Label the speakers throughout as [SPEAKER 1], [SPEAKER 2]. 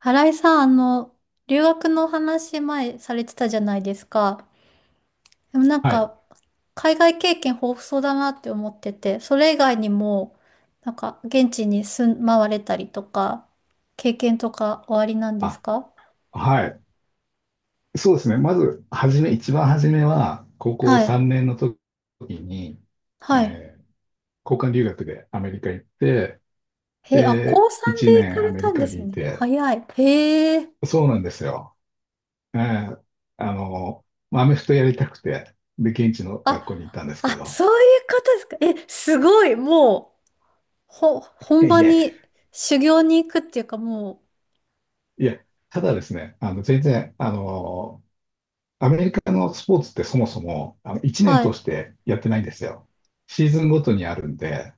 [SPEAKER 1] 新井さん、留学の話前されてたじゃないですか。でもなん
[SPEAKER 2] はい。
[SPEAKER 1] か、海外経験豊富そうだなって思ってて、それ以外にも、なんか、現地に住まわれたりとか、経験とかおありなんです
[SPEAKER 2] あ、
[SPEAKER 1] か？
[SPEAKER 2] はい。そうですね。まず、はじめ、一番初めは、高校
[SPEAKER 1] はい。
[SPEAKER 2] 3年の時に、
[SPEAKER 1] はい。
[SPEAKER 2] えー交換留学でアメリカ行って、
[SPEAKER 1] へえ、あ、
[SPEAKER 2] で、
[SPEAKER 1] 高3
[SPEAKER 2] 1
[SPEAKER 1] で行か
[SPEAKER 2] 年ア
[SPEAKER 1] れ
[SPEAKER 2] メ
[SPEAKER 1] た
[SPEAKER 2] リ
[SPEAKER 1] んで
[SPEAKER 2] カ
[SPEAKER 1] す
[SPEAKER 2] にい
[SPEAKER 1] ね。
[SPEAKER 2] て、
[SPEAKER 1] 早い。へえ。
[SPEAKER 2] そうなんですよ。えーまあアメフトやりたくて、で、現地の学
[SPEAKER 1] あ、
[SPEAKER 2] 校に行ったんですけ
[SPEAKER 1] あ、
[SPEAKER 2] ど、
[SPEAKER 1] そういうことですか。え、すごい。もう、
[SPEAKER 2] い
[SPEAKER 1] 本
[SPEAKER 2] やい
[SPEAKER 1] 場
[SPEAKER 2] や、
[SPEAKER 1] に、修行に行くっていうか、も
[SPEAKER 2] いや、ただですね、全然、アメリカのスポーツってそもそも、1
[SPEAKER 1] う、
[SPEAKER 2] 年
[SPEAKER 1] は
[SPEAKER 2] 通
[SPEAKER 1] い。
[SPEAKER 2] してやってないんですよ。シーズンごとにあるんで、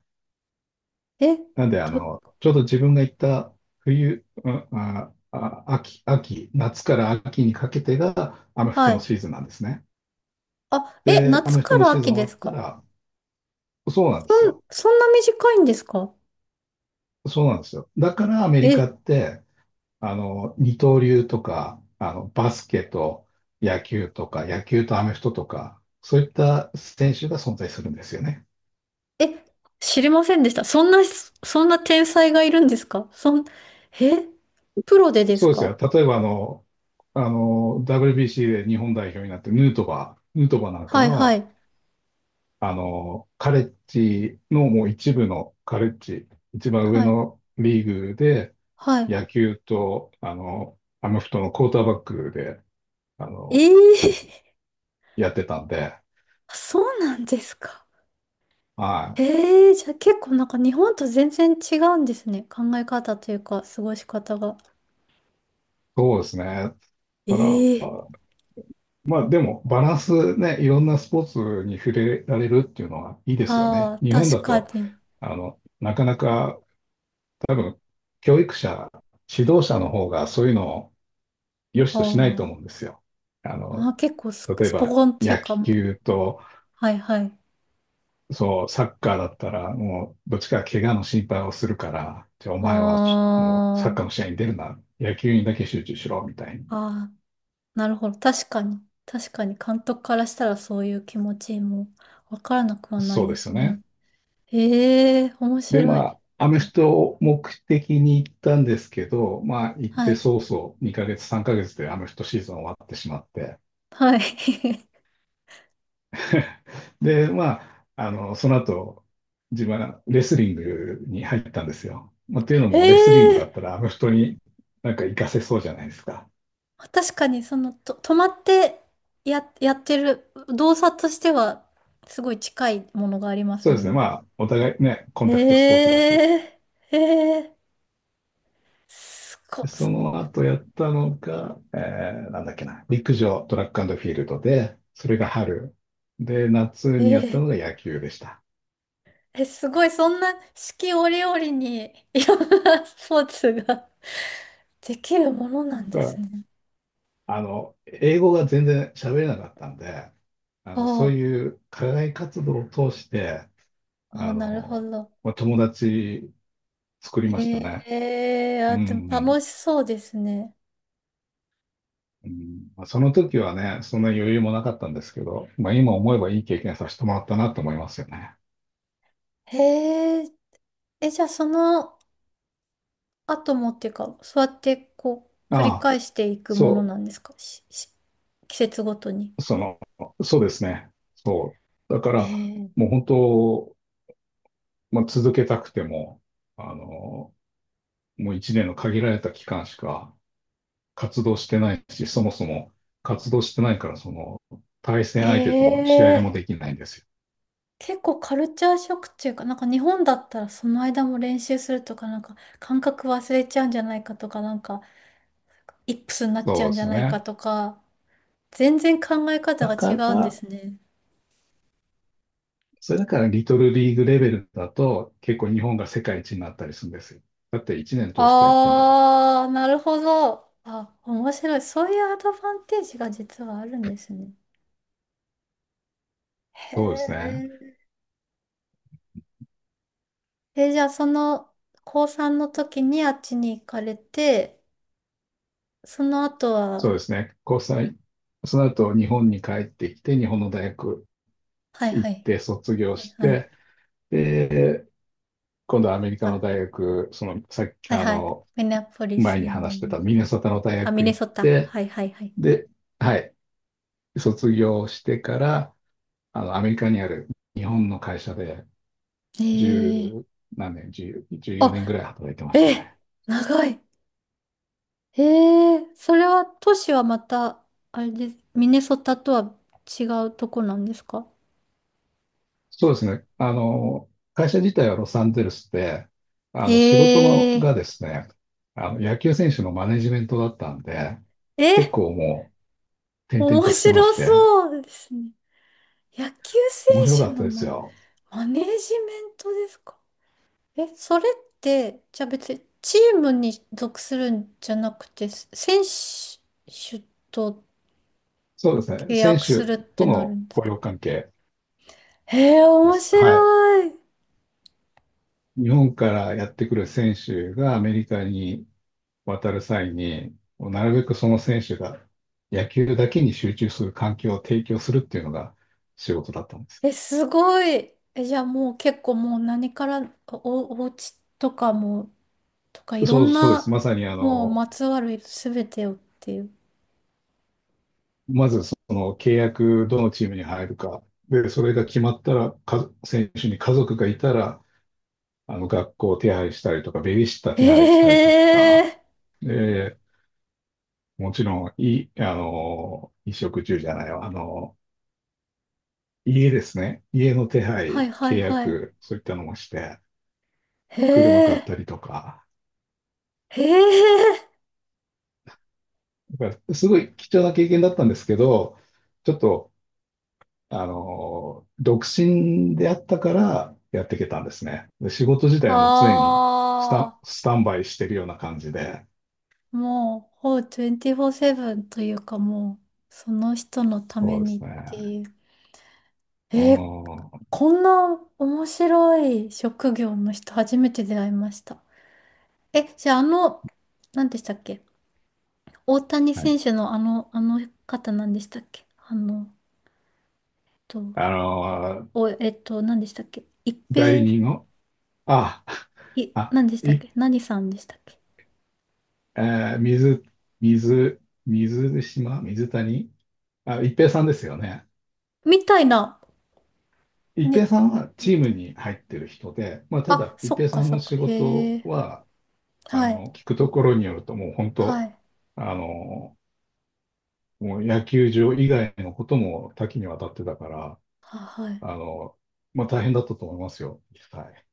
[SPEAKER 1] え、
[SPEAKER 2] なんで、
[SPEAKER 1] ど
[SPEAKER 2] ちょうど自分が行った冬、うんあ、あ、秋、秋、夏から秋にかけてがアメフ
[SPEAKER 1] は
[SPEAKER 2] トの
[SPEAKER 1] い。
[SPEAKER 2] シーズンなんですね。
[SPEAKER 1] あ、え、
[SPEAKER 2] で、ア
[SPEAKER 1] 夏
[SPEAKER 2] メフト
[SPEAKER 1] か
[SPEAKER 2] の
[SPEAKER 1] ら
[SPEAKER 2] シーズ
[SPEAKER 1] 秋
[SPEAKER 2] ン終
[SPEAKER 1] で
[SPEAKER 2] わっ
[SPEAKER 1] す
[SPEAKER 2] た
[SPEAKER 1] か？
[SPEAKER 2] ら、そうなんですよ。
[SPEAKER 1] そんな短いんですか？
[SPEAKER 2] そうなんですよ。だからアメリ
[SPEAKER 1] え、
[SPEAKER 2] カって、二刀流とか、バスケと野球とか、野球とアメフトとか、そういった選手が存在するんですよね。
[SPEAKER 1] え、知りませんでした。そんな天才がいるんですか？え、プロでです
[SPEAKER 2] そうです
[SPEAKER 1] か？
[SPEAKER 2] よ。例えばWBC で日本代表になって、ヌートバーなんか
[SPEAKER 1] はいは
[SPEAKER 2] は、
[SPEAKER 1] い。
[SPEAKER 2] カレッジのもう一部のカレッジ、一番上
[SPEAKER 1] はい。
[SPEAKER 2] のリーグで、
[SPEAKER 1] はい。
[SPEAKER 2] 野球と、アメフトのクォーターバックで、あ
[SPEAKER 1] え
[SPEAKER 2] の、
[SPEAKER 1] えー。
[SPEAKER 2] やってたんで、
[SPEAKER 1] そうなんですか。
[SPEAKER 2] はい。
[SPEAKER 1] ええー、じゃあ結構なんか日本と全然違うんですね。考え方というか、過ごし方が。
[SPEAKER 2] そうですね。
[SPEAKER 1] え
[SPEAKER 2] だか
[SPEAKER 1] え
[SPEAKER 2] ら、
[SPEAKER 1] ー。
[SPEAKER 2] まあでも、バランスね、いろんなスポーツに触れられるっていうのはいいですよね。
[SPEAKER 1] ああ、
[SPEAKER 2] 日本
[SPEAKER 1] 確
[SPEAKER 2] だ
[SPEAKER 1] か
[SPEAKER 2] と、
[SPEAKER 1] に。
[SPEAKER 2] なかなか多分、教育者、指導者の方がそういうのを良し
[SPEAKER 1] あ
[SPEAKER 2] としないと
[SPEAKER 1] ー、
[SPEAKER 2] 思うんですよ。あ
[SPEAKER 1] ま
[SPEAKER 2] の、
[SPEAKER 1] あー、結構
[SPEAKER 2] 例え
[SPEAKER 1] スポ
[SPEAKER 2] ば
[SPEAKER 1] コンという
[SPEAKER 2] 野
[SPEAKER 1] かもう。
[SPEAKER 2] 球と、
[SPEAKER 1] はいはい。
[SPEAKER 2] そう、サッカーだったら、もう、どっちかが怪我の心配をするから、じゃあお前はもうサッ
[SPEAKER 1] あ
[SPEAKER 2] カーの試合に出るな、野球にだけ集中しろ、みたいに。
[SPEAKER 1] あ、ああ、なるほど。確かに。確かに監督からしたらそういう気持ちもわからなくはない
[SPEAKER 2] そう
[SPEAKER 1] で
[SPEAKER 2] です
[SPEAKER 1] す
[SPEAKER 2] よね。
[SPEAKER 1] ね。ええ、面
[SPEAKER 2] で、
[SPEAKER 1] 白
[SPEAKER 2] ま
[SPEAKER 1] い。
[SPEAKER 2] あ、アメ
[SPEAKER 1] え、
[SPEAKER 2] フトを目的に行ったんですけど、まあ、行っ
[SPEAKER 1] は
[SPEAKER 2] て
[SPEAKER 1] い。
[SPEAKER 2] 早々、2ヶ月、3ヶ月でアメフトシーズン終わってしまって、
[SPEAKER 1] はい。
[SPEAKER 2] で、まあ、その後、自分はレスリングに入ったんですよ。まあ、っていうの
[SPEAKER 1] え
[SPEAKER 2] も、レスリングだ
[SPEAKER 1] え、
[SPEAKER 2] ったら、あフ人になんか活かせそうじゃないですか。
[SPEAKER 1] 確かにその、止まってやってる動作としてはすごい近いものがあります
[SPEAKER 2] そうで
[SPEAKER 1] も
[SPEAKER 2] す
[SPEAKER 1] ん
[SPEAKER 2] ね。
[SPEAKER 1] ね。
[SPEAKER 2] まあ、お互いね、コン
[SPEAKER 1] え
[SPEAKER 2] タクトスポーツだし。
[SPEAKER 1] え、ええ、すご、
[SPEAKER 2] でその後やったのが、なんだっけな、陸上、トラックフィールドで、それが春。で、夏にやった
[SPEAKER 1] え
[SPEAKER 2] のが
[SPEAKER 1] え
[SPEAKER 2] 野球でした。
[SPEAKER 1] え、すごい、そんな四季折々に いろんなスポーツが できるものなん
[SPEAKER 2] だか
[SPEAKER 1] です
[SPEAKER 2] ら、
[SPEAKER 1] ね。
[SPEAKER 2] 英語が全然喋れなかったんで、
[SPEAKER 1] あ
[SPEAKER 2] そう
[SPEAKER 1] あ、
[SPEAKER 2] いう課外活動を通して、
[SPEAKER 1] ああ、
[SPEAKER 2] あ
[SPEAKER 1] なるほ
[SPEAKER 2] の、
[SPEAKER 1] ど。
[SPEAKER 2] まあ、友達作りました
[SPEAKER 1] へ
[SPEAKER 2] ね。
[SPEAKER 1] え、
[SPEAKER 2] う
[SPEAKER 1] あ、でも
[SPEAKER 2] ん。
[SPEAKER 1] 楽しそうですね。
[SPEAKER 2] うんまあ、その時はね、そんな余裕もなかったんですけど、まあ、今思えばいい経験させてもらったなと思いますよね。
[SPEAKER 1] へえ、え、じゃあその後もっていうか、そうやってこう、繰
[SPEAKER 2] あ
[SPEAKER 1] り
[SPEAKER 2] あ、
[SPEAKER 1] 返していくもの
[SPEAKER 2] そ
[SPEAKER 1] なんですか？季節ごとに。
[SPEAKER 2] う、その、そうですね。そう。だか
[SPEAKER 1] へ
[SPEAKER 2] ら、もう本当、まあ、続けたくても、あの、もう一年の限られた期間しか活動してないし、そもそも活動してないから、その、対
[SPEAKER 1] え、
[SPEAKER 2] 戦相手とも試
[SPEAKER 1] へ
[SPEAKER 2] 合も
[SPEAKER 1] え、
[SPEAKER 2] できないんですよ。
[SPEAKER 1] 結構カルチャーショックっていうか、なんか日本だったらその間も練習するとか、なんか感覚忘れちゃうんじゃないかとか、なんかイップスになっちゃ
[SPEAKER 2] そ
[SPEAKER 1] う
[SPEAKER 2] う
[SPEAKER 1] ん
[SPEAKER 2] で
[SPEAKER 1] じゃ
[SPEAKER 2] すよ
[SPEAKER 1] ないか
[SPEAKER 2] ね。
[SPEAKER 1] とか、全然考え方
[SPEAKER 2] だ
[SPEAKER 1] が違
[SPEAKER 2] か
[SPEAKER 1] うんで
[SPEAKER 2] ら、
[SPEAKER 1] すね。
[SPEAKER 2] それだからリトルリーグレベルだと結構日本が世界一になったりするんですよ。だって1年通してやってんだもん。
[SPEAKER 1] あー、なるほど。あ、面白い。そういうアドバンテージが実はあるんですね。へ
[SPEAKER 2] そうですね。
[SPEAKER 1] え。え、じゃあその、高3の時にあっちに行かれて、その後
[SPEAKER 2] そ
[SPEAKER 1] は、
[SPEAKER 2] うですね。交際。その後日本に帰ってきて、日本の大学
[SPEAKER 1] はい
[SPEAKER 2] 行
[SPEAKER 1] は
[SPEAKER 2] っ
[SPEAKER 1] い、
[SPEAKER 2] て卒業
[SPEAKER 1] はい
[SPEAKER 2] し
[SPEAKER 1] はい、
[SPEAKER 2] て、で、今度はアメリカの
[SPEAKER 1] か、
[SPEAKER 2] 大学、そのさっき、
[SPEAKER 1] はいはい、ミネアポリス、
[SPEAKER 2] 前に話してたミネソタの大
[SPEAKER 1] あ、ミ
[SPEAKER 2] 学
[SPEAKER 1] ネ
[SPEAKER 2] 行っ
[SPEAKER 1] ソタか、
[SPEAKER 2] て、
[SPEAKER 1] はいはいはい。
[SPEAKER 2] で、はい、卒業してから、アメリカにある日本の会社で1
[SPEAKER 1] ええ、
[SPEAKER 2] 何年、10 14
[SPEAKER 1] あ、
[SPEAKER 2] 年ぐらい働いてました
[SPEAKER 1] え
[SPEAKER 2] ね。
[SPEAKER 1] え、長い。へえ、それは都市はまた、あれです。ミネソタとは違うとこなんですか？
[SPEAKER 2] そうですね。会社自体はロサンゼルスで、
[SPEAKER 1] へ
[SPEAKER 2] 仕事のが
[SPEAKER 1] え、
[SPEAKER 2] ですね、野球選手のマネジメントだったんで、結
[SPEAKER 1] え、
[SPEAKER 2] 構もう、転々
[SPEAKER 1] 面
[SPEAKER 2] としてま
[SPEAKER 1] 白
[SPEAKER 2] して、
[SPEAKER 1] そうですね。野球
[SPEAKER 2] 面白
[SPEAKER 1] 選
[SPEAKER 2] か
[SPEAKER 1] 手
[SPEAKER 2] っ
[SPEAKER 1] の
[SPEAKER 2] たです
[SPEAKER 1] マ、
[SPEAKER 2] よ。
[SPEAKER 1] マネージメントですか？え、それって、じゃあ別にチームに属するんじゃなくて、選手と
[SPEAKER 2] そうですね。
[SPEAKER 1] 契
[SPEAKER 2] 選
[SPEAKER 1] 約する
[SPEAKER 2] 手
[SPEAKER 1] っ
[SPEAKER 2] と
[SPEAKER 1] てなる
[SPEAKER 2] の
[SPEAKER 1] んです
[SPEAKER 2] 雇
[SPEAKER 1] か？
[SPEAKER 2] 用関係
[SPEAKER 1] へえ、
[SPEAKER 2] で
[SPEAKER 1] 面
[SPEAKER 2] す。はい。
[SPEAKER 1] 白い。
[SPEAKER 2] 日本からやってくる選手がアメリカに渡る際に、もうなるべくその選手が野球だけに集中する環境を提供するっていうのが仕事だったんです。
[SPEAKER 1] え、すごい。え、じゃあもう結構もう何からお家とかも、とかいろ
[SPEAKER 2] そう、
[SPEAKER 1] ん
[SPEAKER 2] そうです。
[SPEAKER 1] な、
[SPEAKER 2] まさに
[SPEAKER 1] もうまつわるすべてをっていう。
[SPEAKER 2] まずその契約、どのチームに入るか。で、それが決まったら、選手に家族がいたら、学校を手配したりとか、ベビーシッター手配したり
[SPEAKER 1] へ
[SPEAKER 2] とか、
[SPEAKER 1] え。
[SPEAKER 2] で、もちろん、い、あの、衣食住じゃないわ、家ですね。家の手
[SPEAKER 1] は
[SPEAKER 2] 配、
[SPEAKER 1] いはい
[SPEAKER 2] 契
[SPEAKER 1] はい。
[SPEAKER 2] 約、そういったのもして、
[SPEAKER 1] へ
[SPEAKER 2] 車買っ
[SPEAKER 1] え。
[SPEAKER 2] たりとか。
[SPEAKER 1] へえ。
[SPEAKER 2] だから、すごい貴重な経験だったんですけど、ちょっと、独身であったからやっていけたんですね。で、仕事自体はもう常に
[SPEAKER 1] あ
[SPEAKER 2] スタンバイしてるような感じで。
[SPEAKER 1] あ。もう、ほう24/7というかもう、その人のため
[SPEAKER 2] そうで
[SPEAKER 1] にっ
[SPEAKER 2] すね。
[SPEAKER 1] ていう。
[SPEAKER 2] う
[SPEAKER 1] えー、
[SPEAKER 2] ん。は
[SPEAKER 1] こんな面白い職業の人初めて出会いました。え、じゃあ何でしたっけ、大谷
[SPEAKER 2] い。
[SPEAKER 1] 選手のあの方何でしたっけ、っと、
[SPEAKER 2] あの、
[SPEAKER 1] お、えっと、何でしたっけ、一
[SPEAKER 2] 代理
[SPEAKER 1] 平、
[SPEAKER 2] 人を、あ、あ、
[SPEAKER 1] 何でしたっ
[SPEAKER 2] い、
[SPEAKER 1] け、何さんでしたっけ
[SPEAKER 2] えー水、水、水島、水谷、あ、一平さんですよね。
[SPEAKER 1] みたいな、
[SPEAKER 2] 一平
[SPEAKER 1] に、
[SPEAKER 2] さんは
[SPEAKER 1] み
[SPEAKER 2] チーム
[SPEAKER 1] たいな。
[SPEAKER 2] に入ってる人で、まあ、た
[SPEAKER 1] あ、
[SPEAKER 2] だ、一
[SPEAKER 1] そっ
[SPEAKER 2] 平さ
[SPEAKER 1] か
[SPEAKER 2] ん
[SPEAKER 1] そ
[SPEAKER 2] の
[SPEAKER 1] っか。
[SPEAKER 2] 仕事
[SPEAKER 1] へえ。
[SPEAKER 2] は、
[SPEAKER 1] はい。
[SPEAKER 2] 聞くところによると、もう本
[SPEAKER 1] は
[SPEAKER 2] 当、
[SPEAKER 1] い。
[SPEAKER 2] あの、もう野球場以外のことも多岐にわたってたから、
[SPEAKER 1] は、はい。
[SPEAKER 2] あの、まあ大変だったと思いますよ。はい。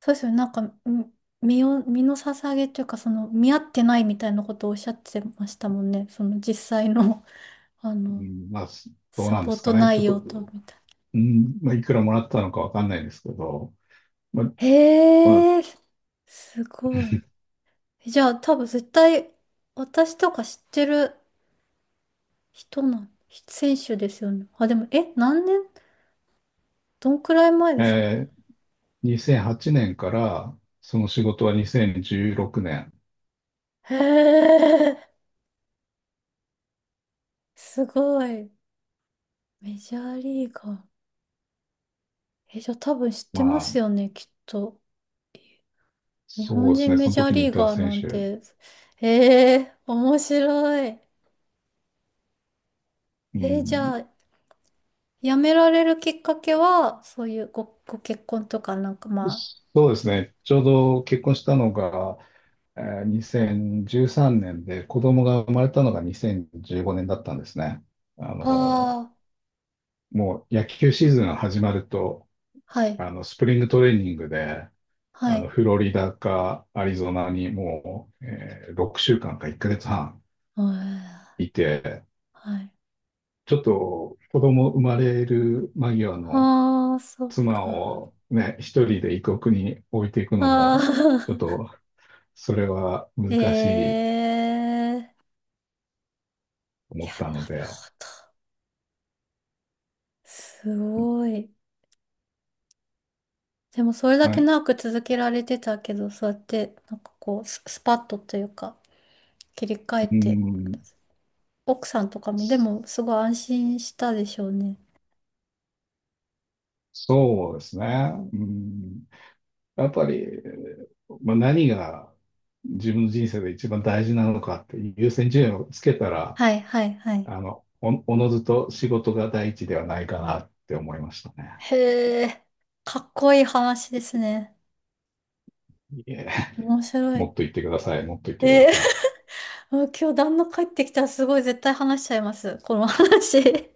[SPEAKER 1] そうですよね。なんか、身を、身の捧げというか、その、見合ってないみたいなことをおっしゃってましたもんね。その、実際の、あ
[SPEAKER 2] う
[SPEAKER 1] の、
[SPEAKER 2] ん、まあ、どう
[SPEAKER 1] サ
[SPEAKER 2] なんで
[SPEAKER 1] ポー
[SPEAKER 2] すか
[SPEAKER 1] ト
[SPEAKER 2] ね。ちょっ
[SPEAKER 1] 内容と、み
[SPEAKER 2] と、
[SPEAKER 1] たいな。
[SPEAKER 2] うん、まあいくらもらったのかわかんないですけど、まあ、ま
[SPEAKER 1] へえ、すごい。じゃあ多分絶対私とか知ってる人の選手ですよね。あ、でも、え、どんくらい前で
[SPEAKER 2] あ、
[SPEAKER 1] すか？
[SPEAKER 2] 2008年から、その仕事は2016年。
[SPEAKER 1] へえ、すごい。メジャーリーガー。え、じゃあ多分知っ
[SPEAKER 2] ま
[SPEAKER 1] てま
[SPEAKER 2] あ、
[SPEAKER 1] すよね、きっと。日本
[SPEAKER 2] そうです
[SPEAKER 1] 人
[SPEAKER 2] ね。
[SPEAKER 1] メ
[SPEAKER 2] その
[SPEAKER 1] ジャー
[SPEAKER 2] 時に
[SPEAKER 1] リ
[SPEAKER 2] い
[SPEAKER 1] ー
[SPEAKER 2] た
[SPEAKER 1] ガー
[SPEAKER 2] 選
[SPEAKER 1] なん
[SPEAKER 2] 手。
[SPEAKER 1] て。ええ、面白い。
[SPEAKER 2] う
[SPEAKER 1] え、じゃ
[SPEAKER 2] ん、
[SPEAKER 1] あ、辞められるきっかけは、そういうご結婚とかなんかま
[SPEAKER 2] そうですね。ちょうど結婚したのが、えー2013年で子供が生まれたのが2015年だったんですね。あ
[SPEAKER 1] あ、あ
[SPEAKER 2] の、
[SPEAKER 1] あ、
[SPEAKER 2] もう野球シーズンが始まると、
[SPEAKER 1] はい、
[SPEAKER 2] スプリングトレーニングで、
[SPEAKER 1] はい、
[SPEAKER 2] フロリダかアリゾナにもう、6週間か1ヶ月半
[SPEAKER 1] うん、
[SPEAKER 2] いて、
[SPEAKER 1] はい。
[SPEAKER 2] ちょっと子供生まれる間際の
[SPEAKER 1] ああ、そっ
[SPEAKER 2] 妻
[SPEAKER 1] か。
[SPEAKER 2] をね、一人で異国に置いていくの
[SPEAKER 1] あ
[SPEAKER 2] も、ちょっ
[SPEAKER 1] あ、
[SPEAKER 2] とそれは
[SPEAKER 1] へ
[SPEAKER 2] 難しいと
[SPEAKER 1] え。いや、なる
[SPEAKER 2] 思ったので、
[SPEAKER 1] ほど。すごい。でも、それだ
[SPEAKER 2] は
[SPEAKER 1] け
[SPEAKER 2] い、
[SPEAKER 1] 長く続けられてたけど、そうやって、なんかこう、スパッとというか、切り替え
[SPEAKER 2] う
[SPEAKER 1] て、
[SPEAKER 2] ん
[SPEAKER 1] 奥さんとかも、でも、すごい安心したでしょうね。
[SPEAKER 2] そうですね。うん、やっぱり、まあ、何が自分の人生で一番大事なのかって優先順位をつけたら、
[SPEAKER 1] はい、はい、はい。
[SPEAKER 2] おのずと仕事が第一ではないかなって思いましたね。
[SPEAKER 1] へえ、かっこいい話ですね。
[SPEAKER 2] いえ、
[SPEAKER 1] 面白
[SPEAKER 2] も
[SPEAKER 1] い。
[SPEAKER 2] っと言ってください。もっと言ってくださ
[SPEAKER 1] え
[SPEAKER 2] い。
[SPEAKER 1] もう今日旦那帰ってきたらすごい絶対話しちゃいます。この話。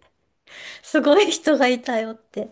[SPEAKER 1] すごい人がいたよって。